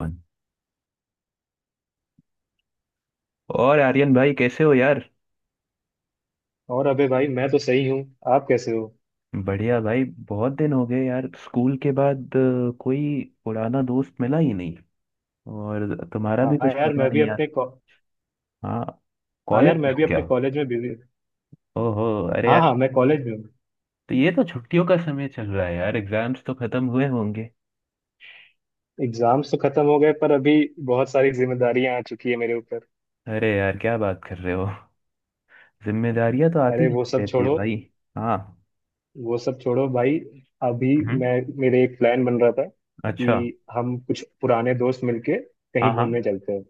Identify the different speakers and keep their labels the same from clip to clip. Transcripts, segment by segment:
Speaker 1: One. और आर्यन भाई, कैसे हो यार?
Speaker 2: और अबे भाई मैं तो सही हूँ। आप कैसे हो।
Speaker 1: बढ़िया भाई। बहुत दिन हो गए यार, स्कूल के बाद कोई पुराना दोस्त मिला ही नहीं। और तुम्हारा भी
Speaker 2: हाँ
Speaker 1: कुछ
Speaker 2: यार
Speaker 1: पता
Speaker 2: मैं भी
Speaker 1: नहीं यार।
Speaker 2: अपने कॉ-
Speaker 1: हाँ।
Speaker 2: हाँ
Speaker 1: कॉलेज
Speaker 2: यार
Speaker 1: में
Speaker 2: मैं
Speaker 1: हो
Speaker 2: भी
Speaker 1: क्या?
Speaker 2: अपने कॉलेज में बिजी।
Speaker 1: ओहो। अरे
Speaker 2: हाँ
Speaker 1: यार।
Speaker 2: हाँ मैं कॉलेज में हूँ।
Speaker 1: तो ये तो छुट्टियों का समय चल रहा है यार, एग्जाम्स तो खत्म हुए होंगे।
Speaker 2: एग्जाम्स तो खत्म हो गए पर अभी बहुत सारी जिम्मेदारियां आ चुकी है मेरे ऊपर।
Speaker 1: अरे यार, क्या बात कर रहे हो। जिम्मेदारियां तो आती
Speaker 2: अरे वो
Speaker 1: जाती
Speaker 2: सब
Speaker 1: रहती है
Speaker 2: छोड़ो।
Speaker 1: भाई। हाँ।
Speaker 2: वो सब छोड़ो भाई। अभी
Speaker 1: हम्म।
Speaker 2: मैं मेरे एक प्लान बन रहा था
Speaker 1: अच्छा।
Speaker 2: कि हम कुछ पुराने दोस्त मिलके
Speaker 1: हाँ
Speaker 2: कहीं
Speaker 1: हाँ।
Speaker 2: घूमने चलते हैं।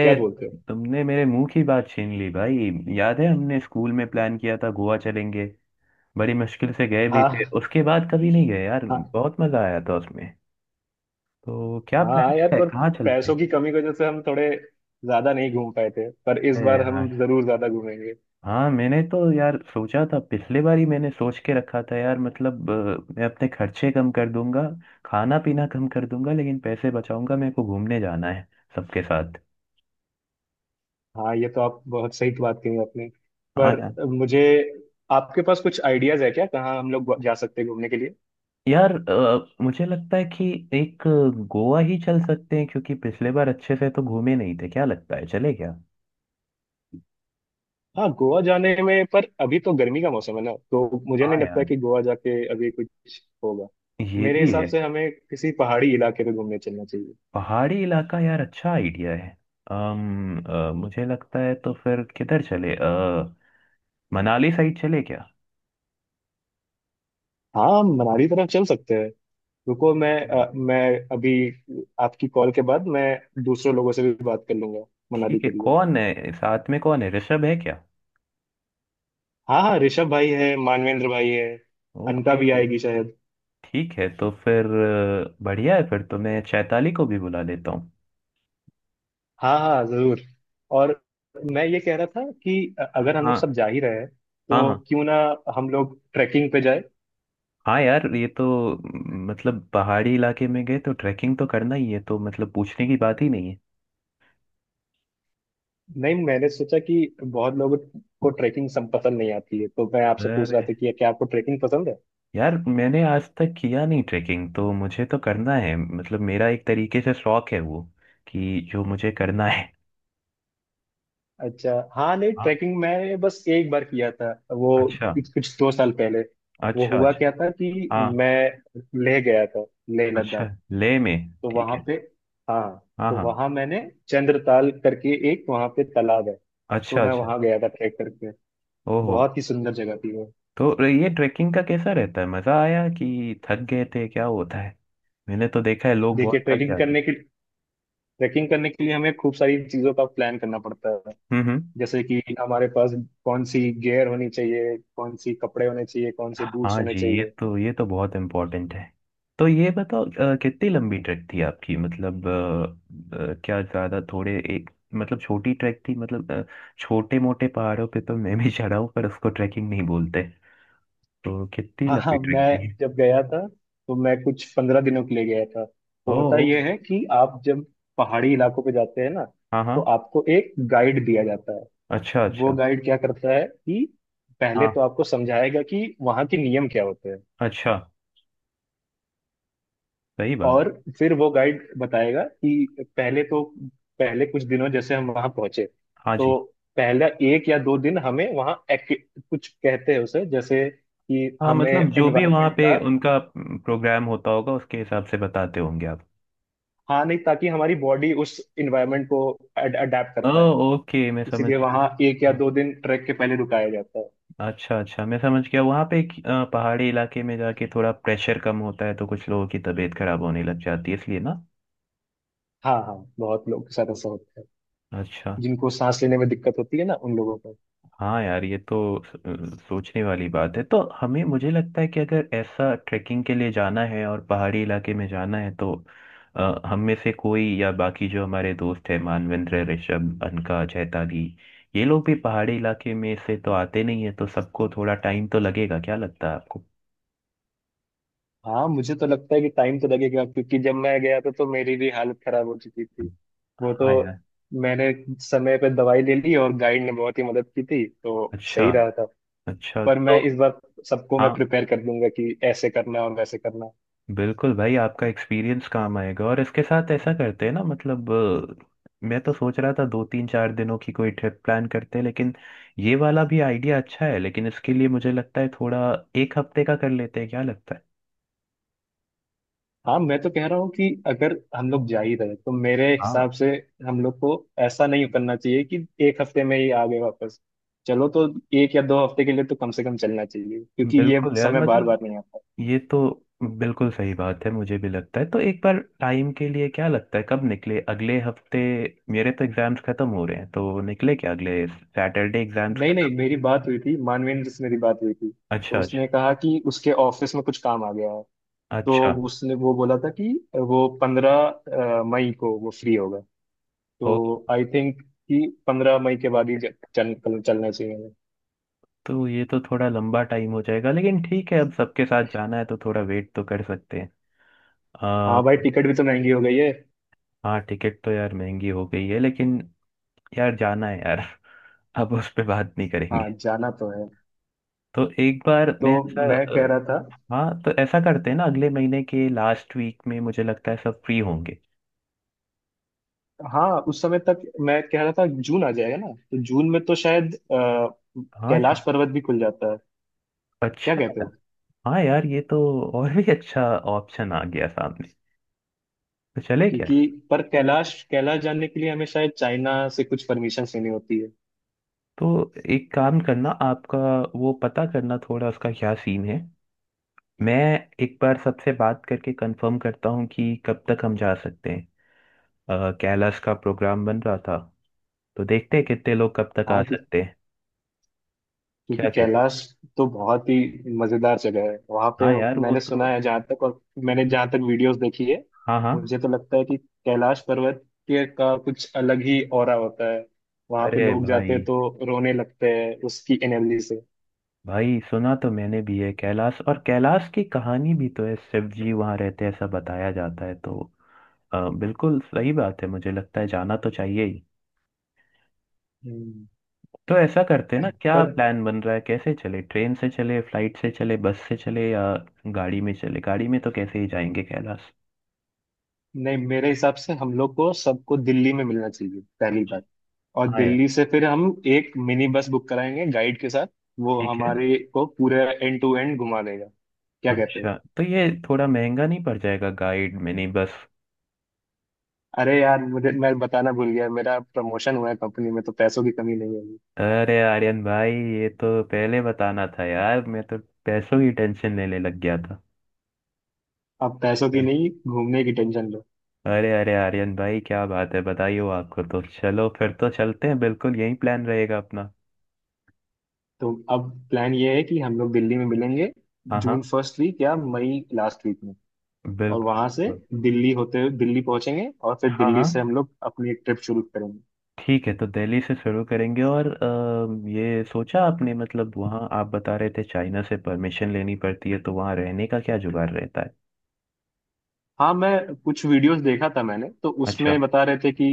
Speaker 2: क्या बोलते हो।
Speaker 1: तुमने मेरे मुंह की बात छीन ली भाई। याद है, हमने स्कूल में प्लान किया था गोवा चलेंगे। बड़ी मुश्किल से गए भी थे,
Speaker 2: हाँ।
Speaker 1: उसके बाद कभी नहीं गए यार,
Speaker 2: हाँ।
Speaker 1: बहुत मजा आया था उसमें। तो क्या प्लान
Speaker 2: हाँ यार
Speaker 1: है,
Speaker 2: पर
Speaker 1: कहाँ चलते हैं?
Speaker 2: पैसों की कमी की वजह से हम थोड़े ज्यादा नहीं घूम पाए थे, पर इस
Speaker 1: अरे
Speaker 2: बार हम
Speaker 1: यार।
Speaker 2: जरूर ज्यादा घूमेंगे।
Speaker 1: हाँ, मैंने तो यार सोचा था, पिछले बार ही मैंने सोच के रखा था यार, मतलब मैं अपने खर्चे कम कर दूंगा। खाना पीना कम कर दूंगा लेकिन पैसे बचाऊंगा, मेरे को घूमने जाना है। सबके साथ।
Speaker 2: हाँ, ये तो आप बहुत सही बात कही आपने।
Speaker 1: हाँ यार।
Speaker 2: पर मुझे आपके पास कुछ आइडियाज है क्या, कहाँ हम लोग जा सकते हैं घूमने के लिए।
Speaker 1: यार मुझे लगता है कि एक गोवा ही चल सकते हैं, क्योंकि पिछले बार अच्छे से तो घूमे नहीं थे, क्या लगता है चले क्या?
Speaker 2: हाँ, गोवा जाने में पर अभी तो गर्मी का मौसम है ना, तो मुझे
Speaker 1: हाँ
Speaker 2: नहीं लगता
Speaker 1: यार।
Speaker 2: कि गोवा जाके अभी कुछ होगा।
Speaker 1: ये
Speaker 2: मेरे
Speaker 1: भी
Speaker 2: हिसाब
Speaker 1: है।
Speaker 2: से हमें किसी पहाड़ी इलाके पे घूमने चलना चाहिए।
Speaker 1: पहाड़ी इलाका यार, अच्छा आइडिया है। मुझे लगता है तो फिर किधर चले, मनाली साइड चले क्या?
Speaker 2: हाँ, हम मनाली तरफ चल सकते हैं। रुको मैं
Speaker 1: हम्म।
Speaker 2: अ, मैं अभी आपकी कॉल के बाद मैं दूसरे लोगों से भी बात कर लूंगा मनाली
Speaker 1: ठीक है,
Speaker 2: के लिए।
Speaker 1: कौन है साथ में, कौन है, ऋषभ है क्या?
Speaker 2: हाँ हाँ, ऋषभ भाई है, मानवेंद्र भाई है। अनका
Speaker 1: ओके।
Speaker 2: भी आएगी शायद।
Speaker 1: ठीक है तो फिर बढ़िया है, फिर तो मैं चैताली को भी बुला लेता हूँ।
Speaker 2: हाँ हाँ जरूर। और मैं ये कह रहा था कि अगर हम लोग सब
Speaker 1: हाँ
Speaker 2: जा ही रहे हैं
Speaker 1: हाँ।
Speaker 2: तो
Speaker 1: हाँ
Speaker 2: क्यों ना हम लोग ट्रैकिंग पे जाए।
Speaker 1: हाँ। यार ये तो मतलब पहाड़ी इलाके में गए तो ट्रैकिंग तो करना ही है, तो मतलब पूछने की बात ही नहीं है।
Speaker 2: नहीं, मैंने सोचा कि बहुत लोगों को ट्रैकिंग सब पसंद नहीं आती है, तो मैं आपसे पूछ रहा
Speaker 1: अरे
Speaker 2: था कि क्या आपको ट्रैकिंग पसंद है।
Speaker 1: यार, मैंने आज तक किया नहीं ट्रेकिंग, तो मुझे तो करना है, मतलब मेरा एक तरीके से शौक है वो कि जो मुझे करना है।
Speaker 2: अच्छा हाँ, नहीं
Speaker 1: हाँ।
Speaker 2: ट्रैकिंग मैंने बस एक बार किया था, वो
Speaker 1: अच्छा।
Speaker 2: कुछ कुछ दो साल पहले। वो
Speaker 1: अच्छा।
Speaker 2: हुआ
Speaker 1: अच्छा।
Speaker 2: क्या था कि
Speaker 1: हाँ।
Speaker 2: मैं ले गया था लेह
Speaker 1: अच्छा।
Speaker 2: लद्दाख।
Speaker 1: ले में।
Speaker 2: तो
Speaker 1: ठीक
Speaker 2: वहां
Speaker 1: है।
Speaker 2: पे, हाँ
Speaker 1: हाँ
Speaker 2: तो
Speaker 1: हाँ।
Speaker 2: वहां मैंने चंद्रताल करके एक वहां पे तालाब है, तो
Speaker 1: अच्छा
Speaker 2: मैं
Speaker 1: अच्छा।
Speaker 2: वहां गया था ट्रैक करके।
Speaker 1: ओहो।
Speaker 2: बहुत ही सुंदर जगह थी वो।
Speaker 1: तो ये ट्रेकिंग का कैसा रहता है, मजा आया कि थक गए थे, क्या होता है? मैंने तो देखा है लोग
Speaker 2: देखिए,
Speaker 1: बहुत थक जाते।
Speaker 2: ट्रैकिंग करने के लिए हमें खूब सारी चीजों का प्लान करना पड़ता है।
Speaker 1: हम्म।
Speaker 2: जैसे कि हमारे पास कौन सी गियर होनी चाहिए, कौन सी कपड़े होने चाहिए, कौन से बूट्स
Speaker 1: हाँ
Speaker 2: होने
Speaker 1: जी, ये
Speaker 2: चाहिए।
Speaker 1: तो ये तो बहुत इम्पोर्टेंट है। तो ये बताओ कितनी लंबी ट्रैक थी आपकी, मतलब क्या ज्यादा थोड़े एक, मतलब छोटी ट्रैक थी, मतलब छोटे मोटे पहाड़ों पे तो मैं भी चढ़ा हूँ, पर उसको ट्रैकिंग नहीं बोलते। तो कितनी
Speaker 2: हाँ
Speaker 1: लंबी
Speaker 2: हाँ, मैं
Speaker 1: ट्रैक थी?
Speaker 2: जब गया था तो मैं कुछ 15 दिनों के लिए गया था।
Speaker 1: ओ।
Speaker 2: होता यह है कि आप जब पहाड़ी इलाकों पे जाते हैं ना,
Speaker 1: हाँ
Speaker 2: तो
Speaker 1: हाँ।
Speaker 2: आपको एक गाइड दिया जाता है।
Speaker 1: अच्छा
Speaker 2: वो
Speaker 1: अच्छा।
Speaker 2: गाइड क्या करता है कि पहले तो
Speaker 1: हाँ।
Speaker 2: आपको समझाएगा कि वहाँ के नियम क्या होते हैं।
Speaker 1: अच्छा। सही बात।
Speaker 2: और फिर वो गाइड बताएगा कि पहले कुछ दिनों जैसे हम वहाँ पहुंचे,
Speaker 1: हाँ
Speaker 2: तो
Speaker 1: जी।
Speaker 2: पहला एक या दो दिन हमें वहाँ कुछ कहते हैं उसे, जैसे कि
Speaker 1: हाँ,
Speaker 2: हमें
Speaker 1: मतलब जो भी वहाँ
Speaker 2: एनवायरनमेंट
Speaker 1: पे
Speaker 2: का।
Speaker 1: उनका प्रोग्राम होता होगा उसके हिसाब से बताते होंगे आप।
Speaker 2: हाँ नहीं, ताकि हमारी बॉडी उस एनवायरनमेंट को अडेप्ट कर
Speaker 1: ओ।
Speaker 2: पाए।
Speaker 1: ओके, मैं समझ
Speaker 2: इसीलिए
Speaker 1: गया।
Speaker 2: वहाँ एक या
Speaker 1: हाँ।
Speaker 2: दो दिन ट्रैक के पहले रुकाया जाता है।
Speaker 1: अच्छा अच्छा, मैं समझ गया, वहाँ पे पहाड़ी इलाके में जाके थोड़ा प्रेशर कम होता है तो कुछ लोगों की तबीयत खराब होने लग जाती है, इसलिए ना।
Speaker 2: हाँ हाँ, बहुत लोग के साथ ऐसा होता है।
Speaker 1: अच्छा।
Speaker 2: जिनको सांस लेने में दिक्कत होती है ना, उन लोगों को।
Speaker 1: हाँ यार ये तो स- सोचने वाली बात है, तो हमें मुझे लगता है कि अगर ऐसा ट्रैकिंग के लिए जाना है और पहाड़ी इलाके में जाना है तो हम में से कोई या बाकी जो हमारे दोस्त हैं, मानवेंद्र, ऋषभ, अनका, चैताली, ये लोग भी पहाड़ी इलाके में से तो आते नहीं है, तो सबको थोड़ा टाइम तो लगेगा, क्या लगता है आपको?
Speaker 2: हाँ, मुझे तो लगता है कि टाइम तो लगेगा, क्योंकि जब मैं गया था तो मेरी भी हालत खराब हो चुकी थी। वो तो
Speaker 1: हाँ यार।
Speaker 2: मैंने समय पे दवाई ले ली और गाइड ने बहुत ही मदद की थी, तो
Speaker 1: अच्छा
Speaker 2: सही रहा था।
Speaker 1: अच्छा।
Speaker 2: पर
Speaker 1: तो
Speaker 2: मैं इस बार सबको मैं
Speaker 1: हाँ।
Speaker 2: प्रिपेयर कर दूंगा कि ऐसे करना और वैसे करना।
Speaker 1: बिल्कुल भाई, आपका एक्सपीरियंस काम आएगा, और इसके साथ ऐसा करते हैं ना, मतलब मैं तो सोच रहा था दो तीन चार दिनों की कोई ट्रिप प्लान करते हैं, लेकिन ये वाला भी आइडिया अच्छा है, लेकिन इसके लिए मुझे लगता है थोड़ा एक हफ्ते का कर लेते हैं, क्या लगता है?
Speaker 2: हाँ, मैं तो कह रहा हूँ कि अगर हम लोग जा ही रहे तो मेरे
Speaker 1: हाँ
Speaker 2: हिसाब से हम लोग को ऐसा नहीं करना चाहिए कि एक हफ्ते में ही आ गए वापस। चलो, तो एक या दो हफ्ते के लिए तो कम से कम चलना चाहिए, क्योंकि ये
Speaker 1: बिल्कुल यार,
Speaker 2: समय बार
Speaker 1: मतलब
Speaker 2: बार नहीं आता।
Speaker 1: ये तो बिल्कुल सही बात है, मुझे भी लगता है, तो एक बार टाइम के लिए क्या लगता है, कब निकले, अगले हफ्ते? मेरे तो एग्जाम्स खत्म हो रहे हैं, तो निकले क्या अगले सैटरडे, एग्जाम्स
Speaker 2: नहीं
Speaker 1: खत्म।
Speaker 2: नहीं, मेरी बात हुई थी। तो
Speaker 1: अच्छा अच्छा।
Speaker 2: उसने कहा कि उसके ऑफिस में कुछ काम आ गया है।
Speaker 1: अच्छा।
Speaker 2: तो उसने वो बोला था कि वो पंद्रह मई को वो फ्री होगा।
Speaker 1: ओ।
Speaker 2: तो आई थिंक कि 15 मई के बाद ही चलना चाहिए हमें।
Speaker 1: तो ये तो थोड़ा लंबा टाइम हो जाएगा, लेकिन ठीक है, अब सबके साथ जाना है तो थोड़ा वेट तो कर सकते हैं। आ,
Speaker 2: हाँ भाई, टिकट भी तो महंगी हो गई है।
Speaker 1: हाँ, टिकट तो यार महंगी हो गई है, लेकिन यार जाना है यार। अब उस पे बात नहीं
Speaker 2: हाँ
Speaker 1: करेंगे।
Speaker 2: जाना तो है।
Speaker 1: तो एक बार
Speaker 2: तो
Speaker 1: मैं ऐसा
Speaker 2: मैं कह
Speaker 1: अ,
Speaker 2: रहा था,
Speaker 1: हाँ, तो ऐसा करते हैं ना, अगले महीने के लास्ट वीक में मुझे लगता है सब फ्री होंगे।
Speaker 2: हाँ उस समय तक मैं कह रहा था जून आ जाएगा ना, तो जून में तो शायद कैलाश
Speaker 1: हाँ।
Speaker 2: पर्वत भी खुल जाता है। क्या
Speaker 1: अच्छा।
Speaker 2: कहते हो।
Speaker 1: हाँ यार ये तो और भी अच्छा ऑप्शन आ गया सामने। तो चले क्या?
Speaker 2: क्योंकि पर कैलाश कैलाश जाने के लिए हमें शायद चाइना से कुछ परमिशन लेनी होती है।
Speaker 1: तो एक काम करना आपका, वो पता करना थोड़ा, उसका क्या सीन है। मैं एक बार सबसे बात करके कंफर्म करता हूँ कि कब तक हम जा सकते हैं। कैलाश का प्रोग्राम बन रहा था। तो देखते हैं कितने लोग कब तक आ
Speaker 2: हाँ क्यों-
Speaker 1: सकते हैं।
Speaker 2: क्योंकि
Speaker 1: क्या कहते
Speaker 2: कैलाश तो बहुत ही मजेदार जगह है
Speaker 1: हो?
Speaker 2: वहां पे।
Speaker 1: हाँ यार, वो
Speaker 2: मैंने सुना
Speaker 1: तो।
Speaker 2: है जहाँ तक, और मैंने जहाँ तक वीडियोस देखी है,
Speaker 1: हाँ हाँ।
Speaker 2: मुझे तो लगता है कि कैलाश पर्वत के का कुछ अलग ही ऑरा होता है। वहां पे
Speaker 1: अरे
Speaker 2: लोग जाते हैं
Speaker 1: भाई।
Speaker 2: तो रोने लगते हैं उसकी एनर्जी से।
Speaker 1: भाई, सुना तो मैंने भी है कैलाश, और कैलाश की कहानी भी तो है, शिव जी वहाँ रहते हैं ऐसा बताया जाता है, तो बिल्कुल सही बात है, मुझे लगता है जाना तो चाहिए ही।
Speaker 2: हम्म।
Speaker 1: तो ऐसा करते हैं ना, क्या
Speaker 2: पर
Speaker 1: प्लान बन रहा है, कैसे चले, ट्रेन से चले, फ्लाइट से चले, बस से चले, या गाड़ी में चले, गाड़ी में तो कैसे ही जाएंगे कैलाश?
Speaker 2: नहीं, मेरे हिसाब से हम लोग को सबको दिल्ली में मिलना चाहिए, पहली
Speaker 1: अच्छा।
Speaker 2: बात। और
Speaker 1: हाँ यार।
Speaker 2: दिल्ली से फिर हम एक मिनी बस बुक कराएंगे गाइड के साथ। वो
Speaker 1: ठीक है।
Speaker 2: हमारे को पूरे एंड टू एंड घुमा देगा। क्या कहते हो।
Speaker 1: अच्छा, तो ये थोड़ा महंगा नहीं पड़ जाएगा, गाइड, मिनी बस?
Speaker 2: अरे यार, मुझे मैं बताना भूल गया, मेरा प्रमोशन हुआ है कंपनी में, तो पैसों की कमी नहीं होगी।
Speaker 1: अरे आर्यन भाई, ये तो पहले बताना था यार, मैं तो पैसों की टेंशन लेने लग गया था।
Speaker 2: अब पैसों
Speaker 1: अच्छा।
Speaker 2: की नहीं, घूमने की टेंशन लो।
Speaker 1: अरे अरे आर्यन भाई, क्या बात है, बताइए, आपको तो, चलो फिर तो चलते हैं, बिल्कुल यही प्लान रहेगा अपना।
Speaker 2: तो अब प्लान ये है कि हम लोग दिल्ली में मिलेंगे
Speaker 1: हाँ
Speaker 2: जून
Speaker 1: हाँ।
Speaker 2: फर्स्ट वीक या मई लास्ट वीक में। और
Speaker 1: बिल्कुल
Speaker 2: वहां से
Speaker 1: बिल्कुल।
Speaker 2: दिल्ली होते हुए दिल्ली पहुंचेंगे और फिर
Speaker 1: हाँ
Speaker 2: दिल्ली
Speaker 1: हाँ।
Speaker 2: से हम लोग अपनी ट्रिप शुरू करेंगे।
Speaker 1: ठीक है तो दिल्ली से शुरू करेंगे, और ये सोचा आपने, मतलब वहाँ आप बता रहे थे चाइना से परमिशन लेनी पड़ती है, तो वहाँ रहने का क्या जुगाड़ रहता है?
Speaker 2: हाँ, मैं कुछ वीडियोस देखा था, मैंने तो उसमें
Speaker 1: अच्छा
Speaker 2: बता रहे थे कि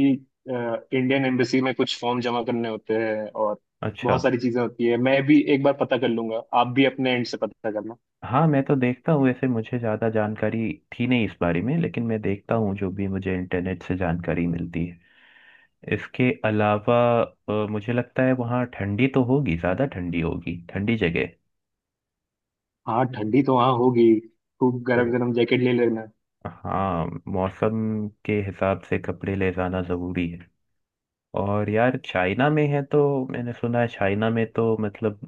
Speaker 2: इंडियन एम्बेसी में कुछ फॉर्म जमा करने होते हैं, और
Speaker 1: अच्छा।
Speaker 2: बहुत सारी चीजें होती है। मैं भी एक बार पता कर लूंगा, आप भी अपने एंड से पता करना।
Speaker 1: हाँ, मैं तो देखता हूँ, वैसे मुझे ज़्यादा जानकारी थी नहीं इस बारे में, लेकिन मैं देखता हूँ जो भी मुझे इंटरनेट से जानकारी मिलती है। इसके अलावा मुझे लगता है वहाँ ठंडी तो होगी, ज़्यादा ठंडी होगी, ठंडी जगह है।
Speaker 2: हाँ, ठंडी तो वहाँ होगी, खूब गरम
Speaker 1: तो
Speaker 2: गरम जैकेट ले लेना।
Speaker 1: हाँ, मौसम के हिसाब से कपड़े ले जाना ज़रूरी है। और यार चाइना में है, तो मैंने सुना है चाइना में तो मतलब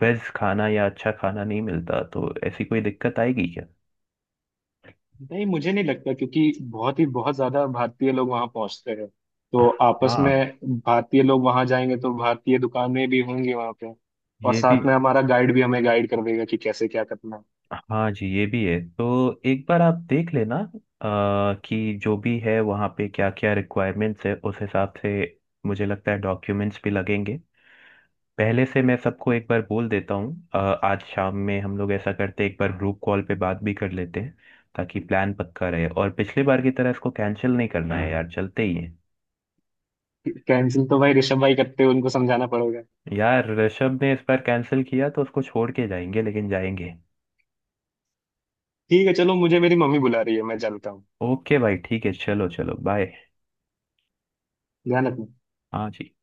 Speaker 1: वेज खाना या अच्छा खाना नहीं मिलता, तो ऐसी कोई दिक्कत आएगी क्या?
Speaker 2: नहीं, मुझे नहीं लगता, क्योंकि बहुत ही बहुत ज्यादा भारतीय लोग वहाँ पहुंचते हैं। तो आपस
Speaker 1: हाँ,
Speaker 2: में भारतीय लोग वहाँ जाएंगे तो भारतीय दुकानें भी होंगी वहाँ पे। और
Speaker 1: ये भी।
Speaker 2: साथ में हमारा गाइड भी हमें गाइड कर देगा कि कैसे क्या करना है।
Speaker 1: हाँ जी, ये भी है, तो एक बार आप देख लेना कि जो भी है वहाँ पे क्या क्या रिक्वायरमेंट्स है उस हिसाब से। मुझे लगता है डॉक्यूमेंट्स भी लगेंगे पहले से। मैं सबको एक बार बोल देता हूँ, आज शाम में हम लोग ऐसा करते हैं, एक बार ग्रुप कॉल पे बात भी कर लेते हैं। ताकि प्लान पक्का रहे, और पिछली बार की तरह इसको कैंसिल नहीं करना है यार, चलते ही है।
Speaker 2: कैंसिल तो भाई ऋषभ भाई करते हैं, उनको समझाना पड़ेगा।
Speaker 1: यार, ऋषभ ने इस बार कैंसिल किया तो उसको छोड़ के जाएंगे, लेकिन जाएंगे।
Speaker 2: ठीक है चलो, मुझे मेरी मम्मी बुला रही है, मैं चलता हूँ।
Speaker 1: ओके भाई, ठीक है, चलो चलो बाय।
Speaker 2: ध्यान रखना।
Speaker 1: हाँ जी।